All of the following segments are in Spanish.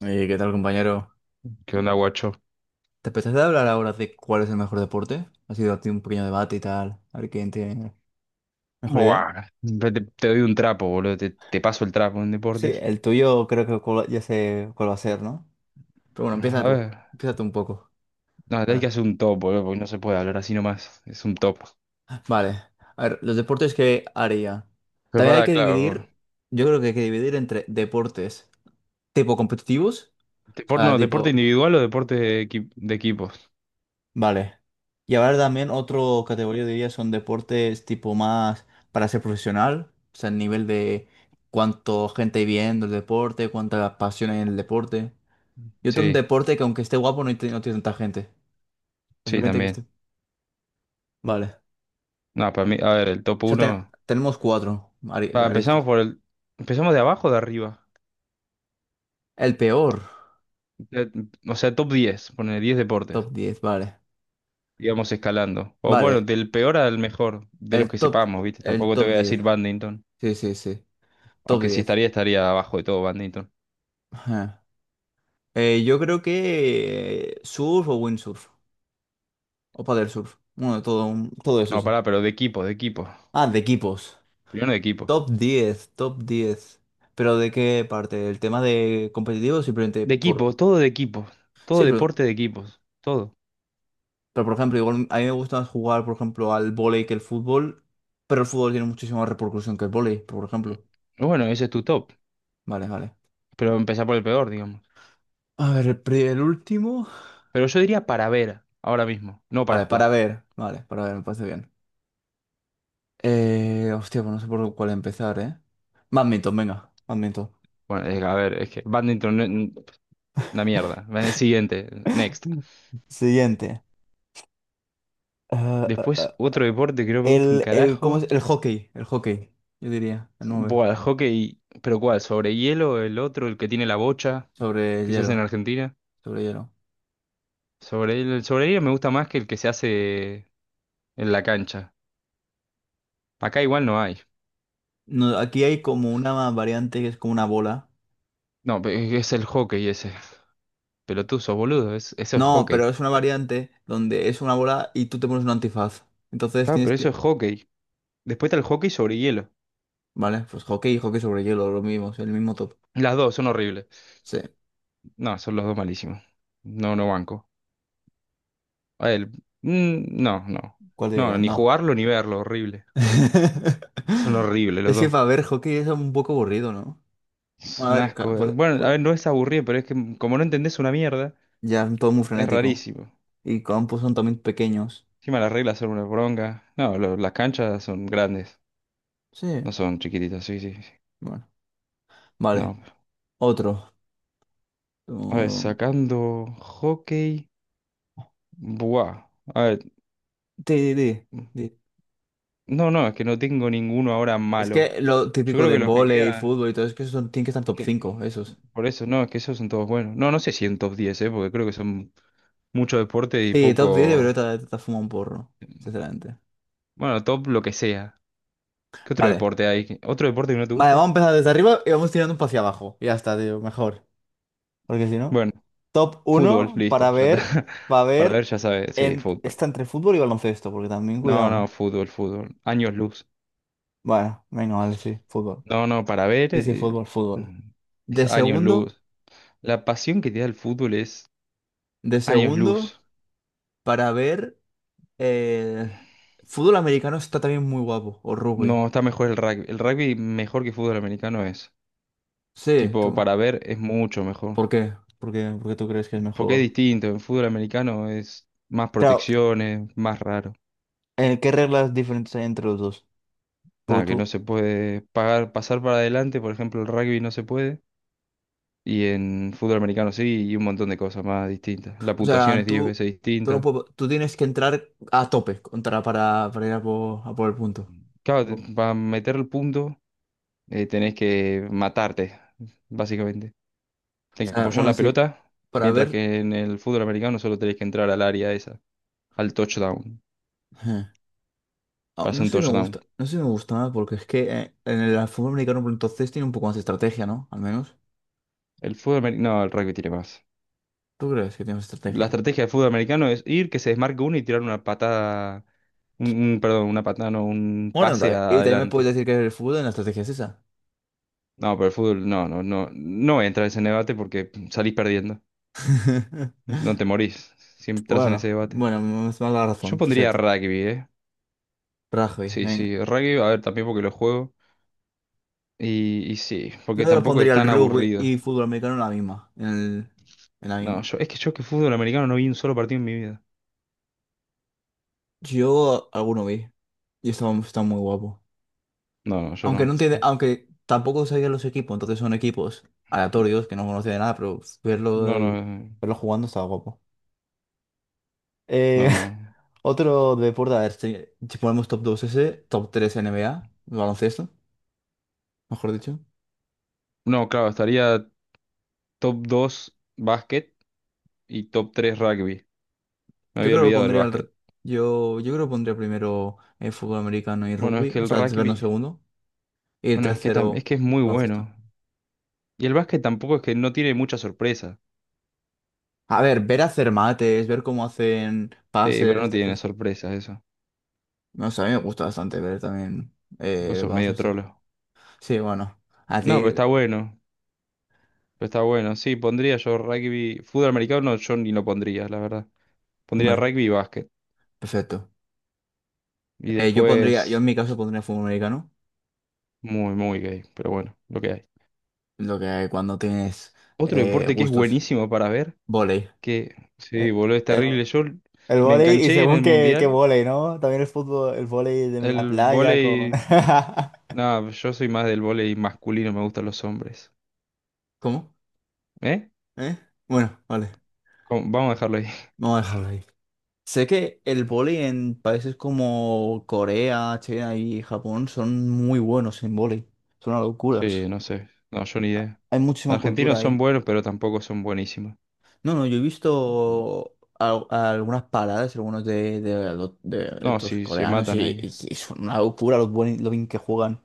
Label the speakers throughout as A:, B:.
A: ¿Qué tal, compañero?
B: ¿Qué onda, guacho?
A: ¿Te apetece hablar ahora de cuál es el mejor deporte? Ha sido aquí un pequeño debate y tal. A ver quién tiene mejor idea.
B: Buah, te doy un trapo, boludo. Te paso el trapo en
A: Sí,
B: deportes.
A: el tuyo creo que ya sé cuál va a ser, ¿no? Pero bueno,
B: A
A: empieza tú.
B: ver,
A: Empieza tú un poco.
B: no, te hay
A: Vale.
B: que hacer un top, boludo, porque no se puede hablar así nomás. Es un top.
A: Vale. A ver, los deportes que haría.
B: Pero
A: También hay
B: pará,
A: que
B: claro.
A: dividir, yo creo que hay que dividir entre deportes tipo competitivos, o sea,
B: No, ¿deporte
A: tipo.
B: individual o deporte de equipos?
A: Vale. Y ahora también otro categoría diría son deportes tipo más para ser profesional, o sea, el nivel de cuánto gente hay viendo el deporte, cuánta pasión hay en el deporte. Y otro un
B: Sí,
A: deporte que aunque esté guapo no, tiene no tiene tanta gente.
B: sí,
A: Simplemente que
B: también.
A: esté. Vale.
B: No, para mí, a ver, el top
A: Sea, te-
B: 1.
A: Tenemos cuatro
B: Empezamos
A: aristas.
B: por el. Empezamos de abajo o de arriba.
A: El peor,
B: De- o sea, top 10, poner 10 deportes.
A: top 10 vale.
B: Digamos escalando. O bueno,
A: Vale,
B: del peor al mejor, de los
A: el
B: que
A: top,
B: sepamos, ¿viste?
A: el
B: Tampoco te
A: top
B: voy a
A: diez.
B: decir badminton.
A: Sí, sí, sí. Top
B: Aunque si
A: diez.
B: estaría abajo de todo.
A: Ajá. Yo creo que surf o windsurf. O paddle surf. Bueno, de todo, todo eso,
B: No,
A: eso.
B: pará, pero de equipo, de equipo.
A: Ah, de equipos.
B: Primero de equipo.
A: Top 10 top diez. ¿Pero de qué parte? ¿El tema de competitivo? Simplemente por...
B: De equipo. Todo
A: Sí,
B: deporte de equipos. Todo.
A: pero por ejemplo, igual a mí me gusta más jugar, por ejemplo, al vóley que el fútbol, pero el fútbol tiene muchísima más repercusión que el vóley, por ejemplo.
B: Bueno, ese es tu top.
A: Vale, vale.
B: Pero empezar por el peor, digamos.
A: A ver, el, el último.
B: Pero yo diría para ver, ahora mismo, no para
A: Vale, para
B: jugar.
A: ver. Vale, para ver, me parece bien. Hostia, pues no sé por cuál empezar, ¿eh? Badminton, venga, badminton.
B: Bueno, a ver, es que badminton, una mierda. Va, siguiente, next.
A: Siguiente. Ah, ah,
B: Después, otro deporte que no me gusta un
A: El, ¿cómo es?
B: carajo.
A: El hockey, yo diría, el 9
B: Buah, el hockey. ¿Pero cuál? ¿Sobre hielo? ¿El otro, el que tiene la bocha,
A: sobre
B: que se hace en
A: hielo,
B: Argentina?
A: sobre hielo.
B: Sobre hielo, el sobre hielo me gusta más que el que se hace en la cancha. Acá igual no hay.
A: No, aquí hay como una variante que es como una bola.
B: No, es el hockey ese. Pelotuzo, boludo. Eso es
A: No,
B: hockey.
A: pero es una variante donde es una bola y tú te pones un antifaz. Entonces
B: Ah,
A: tienes
B: pero eso es
A: que...
B: hockey. Después está el hockey sobre hielo.
A: Vale, pues hockey y hockey sobre hielo, lo mismo, es el mismo top.
B: Las dos son horribles.
A: Sí,
B: No, son los dos malísimos. No, no banco. A él. Mm, no, no.
A: ¿cuál
B: No,
A: dirías?
B: ni
A: No.
B: jugarlo ni verlo. Horrible. Son horribles los
A: Es que
B: dos.
A: para ver hockey es un poco aburrido, ¿no?
B: Es
A: Bueno,
B: un
A: a ver,
B: asco ver. Bueno, a ver, no es aburrido, pero es que como no entendés una mierda,
A: ya todo muy
B: es
A: frenético.
B: rarísimo.
A: Y campos son también pequeños.
B: Encima las reglas son una bronca. No, las canchas son grandes.
A: Sí,
B: No son chiquititas, sí, sí, sí.
A: bueno. Vale,
B: No.
A: otro.
B: A ver,
A: um,
B: sacando hockey. Buah. A ver.
A: sí, sí, sí.
B: No, no, es que no tengo ninguno ahora
A: Es
B: malo.
A: que lo
B: Yo
A: típico
B: creo
A: de
B: que los que
A: vóley,
B: quedan.
A: fútbol y todo, es que esos son, tienen que estar
B: Es
A: top
B: que,
A: cinco esos.
B: por eso, no, es que esos son todos buenos. No, no sé si en top 10, ¿eh? Porque creo que son mucho deporte y
A: Sí, top 10
B: poco.
A: pero fuma un porro, sinceramente.
B: Bueno, top lo que sea. ¿Qué otro
A: Vale.
B: deporte hay? ¿Otro deporte que no te
A: Vale, vamos a
B: guste?
A: empezar desde arriba y vamos tirando un poco hacia abajo. Y ya está, tío, mejor. Porque si no.
B: Bueno,
A: Top
B: fútbol,
A: uno
B: listo, ya está.
A: para
B: Para ver,
A: ver,
B: ya sabes. Sí,
A: en,
B: fútbol.
A: está entre fútbol y baloncesto, porque también
B: No, no,
A: cuidado.
B: fútbol, fútbol. Años luz.
A: Bueno, venga, vale, sí, fútbol.
B: No, no, para ver.
A: Sí, sí, fútbol, fútbol.
B: Es
A: De
B: años
A: segundo,
B: luz. La pasión que te da el fútbol es
A: de
B: años
A: segundo,
B: luz.
A: para ver. El fútbol americano está también muy guapo, o rugby.
B: No, está mejor el rugby. El rugby mejor que fútbol americano es.
A: Sí,
B: Tipo,
A: tú.
B: para ver es mucho mejor.
A: ¿Por qué? ¿Por qué, por qué tú crees que es
B: Porque es
A: mejor?
B: distinto. En fútbol americano es más
A: Claro,
B: protecciones, más raro.
A: ¿qué reglas diferentes hay entre los dos?
B: Nada,
A: Porque
B: que no
A: tú,
B: se puede pasar para adelante, por ejemplo, el rugby no se puede. Y en fútbol americano sí, y un montón de cosas más distintas. La
A: o
B: puntuación
A: sea,
B: es 10
A: tú,
B: veces
A: tú, no
B: distinta.
A: puedes- tú tienes que entrar a tope contra, para ir a por el punto.
B: Claro,
A: No. O
B: para meter el punto, tenés que matarte, básicamente. Tenés que
A: sea,
B: apoyar
A: bueno,
B: la
A: sí,
B: pelota,
A: para
B: mientras
A: ver...
B: que en el fútbol americano solo tenés que entrar al área esa, al touchdown.
A: eh, No
B: Pasó un
A: sé si me
B: touchdown.
A: gusta, no sé si me gusta nada, porque es que en el fútbol americano, por entonces, tiene un poco más de estrategia, ¿no? Al menos.
B: El fútbol americano. No, el rugby tiene más.
A: ¿Tú crees que tiene más
B: La
A: estrategia?
B: estrategia del fútbol americano es ir, que se desmarque uno y tirar una patada. Perdón, una patada, no, un
A: Bueno,
B: pase
A: también- y también me puedes
B: adelante.
A: decir que el fútbol en la estrategia es esa.
B: No, pero el fútbol no entra en ese debate porque salís perdiendo. No te morís. Si entras en ese
A: Bueno,
B: debate.
A: bueno, me da la
B: Yo
A: razón,
B: pondría
A: perfecto.
B: rugby, ¿eh?
A: Rugby,
B: Sí,
A: venga.
B: sí, rugby, a ver, también porque lo juego. Y sí,
A: Yo
B: porque
A: los
B: tampoco es
A: pondría el
B: tan
A: rugby
B: aburrido.
A: y fútbol americano en la misma, en la
B: No,
A: misma.
B: yo, es que yo que fútbol americano no vi un solo partido en mi vida.
A: Yo alguno vi y estaba, estaba muy guapo.
B: No, no, yo
A: Aunque no
B: no.
A: entiende, aunque tampoco sabía los equipos, entonces son equipos aleatorios que no conocía de nada, pero verlo,
B: No, no,
A: verlo jugando estaba guapo. Eh,
B: no, no.
A: otro deporte, a ver, si, si ponemos top 2 ese, top 3 NBA, baloncesto. Mejor dicho.
B: No, claro, estaría top 2 básquet y top 3 rugby. Me
A: Yo
B: había
A: creo que lo
B: olvidado el básquet.
A: yo, yo creo que pondría primero fútbol americano y
B: Bueno, es
A: rugby,
B: que
A: o
B: el
A: sea, el segundo
B: rugby,
A: segundo, y el
B: bueno, es que tam-
A: tercero
B: es que es muy
A: baloncesto.
B: bueno. Y el básquet tampoco es que no tiene mucha sorpresa.
A: A ver, ver hacer mates, ver cómo hacen
B: Sí,
A: pases,
B: pero no tiene
A: etc.
B: sorpresas eso.
A: No sé, a mí me gusta bastante ver también
B: Vos sos medio
A: baloncesto.
B: trolo.
A: Sí, bueno, a
B: No, pero
A: ti,
B: está bueno. Pero está bueno. Sí, pondría yo rugby. Fútbol americano no, yo ni lo pondría, la verdad. Pondría
A: vale,
B: rugby y básquet.
A: perfecto.
B: Y
A: Yo pondría, yo
B: después,
A: en mi caso pondría fútbol americano,
B: muy, muy gay. Pero bueno, lo que hay.
A: lo que cuando tienes
B: Otro deporte que es
A: gustos,
B: buenísimo para ver.
A: vóley.
B: Que sí,
A: Eh,
B: boludo, es
A: eh,
B: terrible. Yo
A: El
B: me
A: vóley, y
B: enganché en
A: según
B: el
A: qué, qué
B: mundial.
A: vóley, ¿no? También el fútbol, el vóley de la
B: El
A: playa con...
B: vóley. No, yo soy más del vóley masculino, me gustan los hombres.
A: ¿Cómo?
B: ¿Eh?
A: ¿Eh? Bueno, vale,
B: ¿Cómo? Vamos a dejarlo ahí.
A: vamos a dejarlo ahí. Sé que el vóley en países como Corea, China y Japón son muy buenos en vóley. Son una locura.
B: Sí, no sé. No, yo ni idea.
A: Hay muchísima
B: Los
A: cultura
B: argentinos
A: ahí.
B: son buenos, pero tampoco son buenísimos.
A: No, no, yo he visto algunas paradas, algunos de
B: No,
A: estos
B: sí, se
A: coreanos
B: matan
A: y,
B: ahí.
A: y son una locura lo bien que juegan.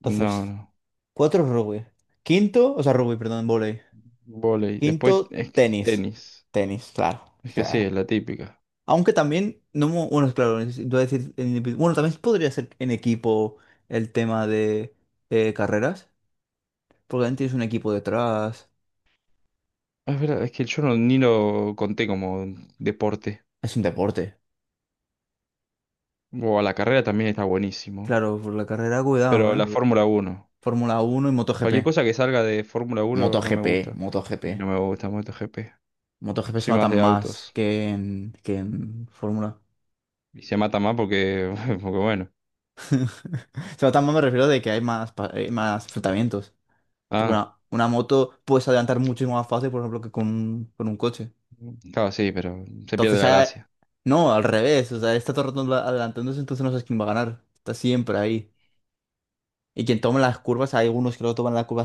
B: No, no.
A: Cuatro rugby. Quinto, o sea, rugby, perdón, vóley.
B: Vóley. Después
A: Quinto,
B: es que
A: tenis.
B: tenis.
A: Tenis, claro. O
B: Es que sí, es
A: sea,
B: la típica.
A: aunque también, no, bueno, claro, iba a decir, en bueno, también podría ser en equipo el tema de carreras, porque también tienes un equipo detrás.
B: Es verdad, es que yo no, ni lo conté como deporte.
A: Es un deporte.
B: O a la carrera también está buenísimo.
A: Claro, por la carrera, cuidado,
B: Pero
A: ¿eh?
B: la Sí. Fórmula uno.
A: Fórmula uno y
B: Cualquier
A: MotoGP.
B: cosa que salga de Fórmula uno no me
A: MotoGP,
B: gusta.
A: MotoGP.
B: Y no me gusta MotoGP.
A: MotoGP se
B: Soy más
A: matan
B: de
A: más
B: autos.
A: que en Fórmula.
B: Y se mata más porque, porque bueno.
A: Se matan más, me refiero de que hay más, hay más enfrentamientos. Porque
B: Ah,
A: una moto puedes adelantar muchísimo más fácil, por ejemplo, que con, con un coche.
B: claro, sí, pero se pierde
A: Entonces,
B: la gracia.
A: no, al revés. O sea, está todo el rato adelantándose, entonces no sabes quién va a ganar. Está siempre ahí. Y quien toma las curvas, hay algunos que lo toman la curva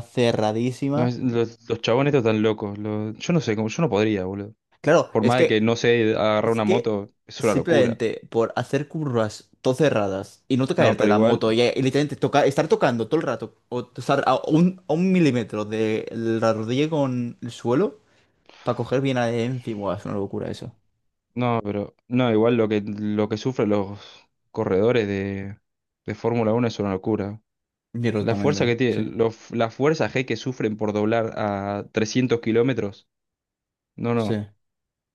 B: No,
A: cerradísima.
B: los chabones estos están locos. Yo no sé, yo no podría, boludo.
A: Claro,
B: Por más de que no sé agarrar
A: es
B: una
A: que
B: moto, es una locura.
A: simplemente por hacer curvas todo cerradas y no te
B: No,
A: caerte de
B: pero
A: la
B: igual,
A: moto y literalmente toca, estar tocando todo el rato o estar a un milímetro de la rodilla con el suelo para coger bien adherencia, buah, es una locura eso.
B: no, pero no, igual lo que sufren los corredores de Fórmula uno es una locura.
A: Yo creo que
B: La
A: también
B: fuerza que
A: tengo,
B: tiene,
A: sí,
B: la fuerza G que sufren por doblar a 300 kilómetros. No,
A: sí.
B: no,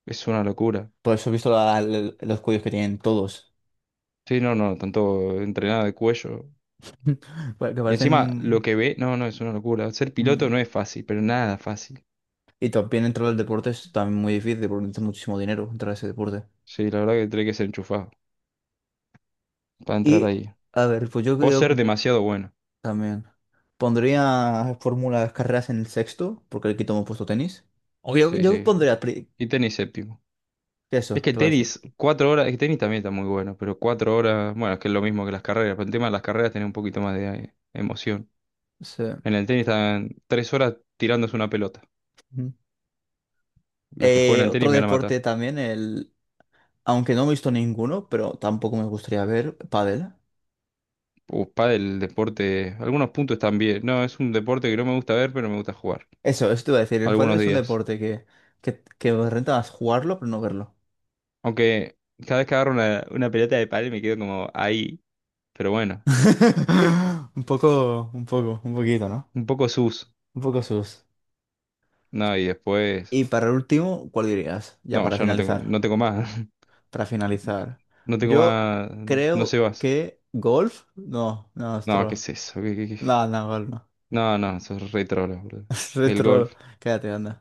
B: es una locura.
A: Por eso he visto los cuellos que tienen todos.
B: Sí, no, no, tanto entrenada de cuello.
A: Pa- Que
B: Y encima, lo
A: parecen...
B: que ve, no, no, es una locura. Ser piloto
A: mm.
B: no es fácil, pero nada fácil.
A: Y también entrar al deporte es también muy difícil porque necesitas muchísimo dinero entrar a ese deporte.
B: Sí, la verdad que tiene que ser enchufado para entrar
A: Y,
B: ahí.
A: a ver, pues yo
B: O
A: creo que
B: ser demasiado bueno.
A: también pondría fórmulas, carreras en el sexto, porque aquí tomo puesto tenis. O yo,
B: Sí, sí. Y tenis séptimo. Es
A: eso,
B: que
A: te voy a decir.
B: tenis, 4 horas, es que tenis también está muy bueno, pero 4 horas, bueno, es que es lo mismo que las carreras, pero el tema de las carreras tiene un poquito más de emoción.
A: Sí.
B: En el tenis están 3 horas tirándose una pelota.
A: Ujú.
B: Los que juegan al tenis
A: Otro
B: me van a
A: deporte
B: matar.
A: también, el... Aunque no he visto ninguno, pero tampoco me gustaría ver, pádel.
B: Pádel, deporte. Algunos puntos también. No, es un deporte que no me gusta ver, pero me gusta jugar.
A: Eso te iba a decir. El pádel
B: Algunos
A: es un
B: días.
A: deporte que renta más jugarlo, pero no verlo.
B: Aunque cada vez que agarro una pelota de pádel me quedo como ahí. Pero bueno,
A: Un poco, un poco, un poquito, ¿no?
B: un poco sus.
A: Un poco sus.
B: No, y después.
A: Y para último, ¿cuál dirías? Ya
B: No,
A: para
B: ya no tengo,
A: finalizar.
B: no tengo más.
A: Para finalizar.
B: No tengo
A: Yo
B: más. No sé
A: creo
B: más.
A: que golf. No, no, es
B: No,
A: troll.
B: ¿qué es eso? Qué?
A: No, no, golf no.
B: No, no, sos re trolo, boludo.
A: Es
B: El
A: troll.
B: golf.
A: Cállate, anda.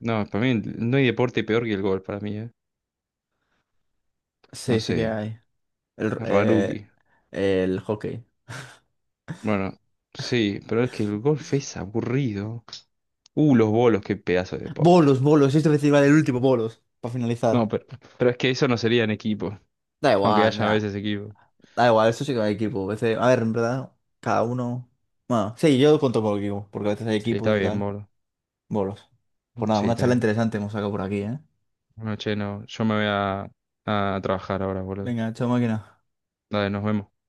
B: No, para mí no hay deporte peor que el golf, para mí, ¿eh? No
A: Sí, sí
B: sé.
A: que hay. El,
B: Raruki.
A: eh, el hockey.
B: Bueno, sí, pero es que el golf es aburrido. Los bolos, qué pedazo de deporte.
A: Bolos, bolos. Esto iba a decir, vale, el último, bolos. Para finalizar.
B: No, pero es que eso no sería en equipo,
A: Da
B: aunque
A: igual,
B: haya a
A: mira.
B: veces equipo.
A: Da igual, eso sí que hay equipo. A veces, a ver, en verdad, cada uno. Bueno, sí, yo cuento por equipo, porque a veces hay
B: Sí, está
A: equipos y
B: bien,
A: tal.
B: boludo.
A: Bolos. Pues nada,
B: Sí,
A: una
B: está
A: charla
B: bien.
A: interesante hemos sacado por aquí, ¿eh?
B: Bueno, che, no, yo me voy a trabajar ahora, boludo.
A: Venga, chao máquina.
B: Dale, nos vemos.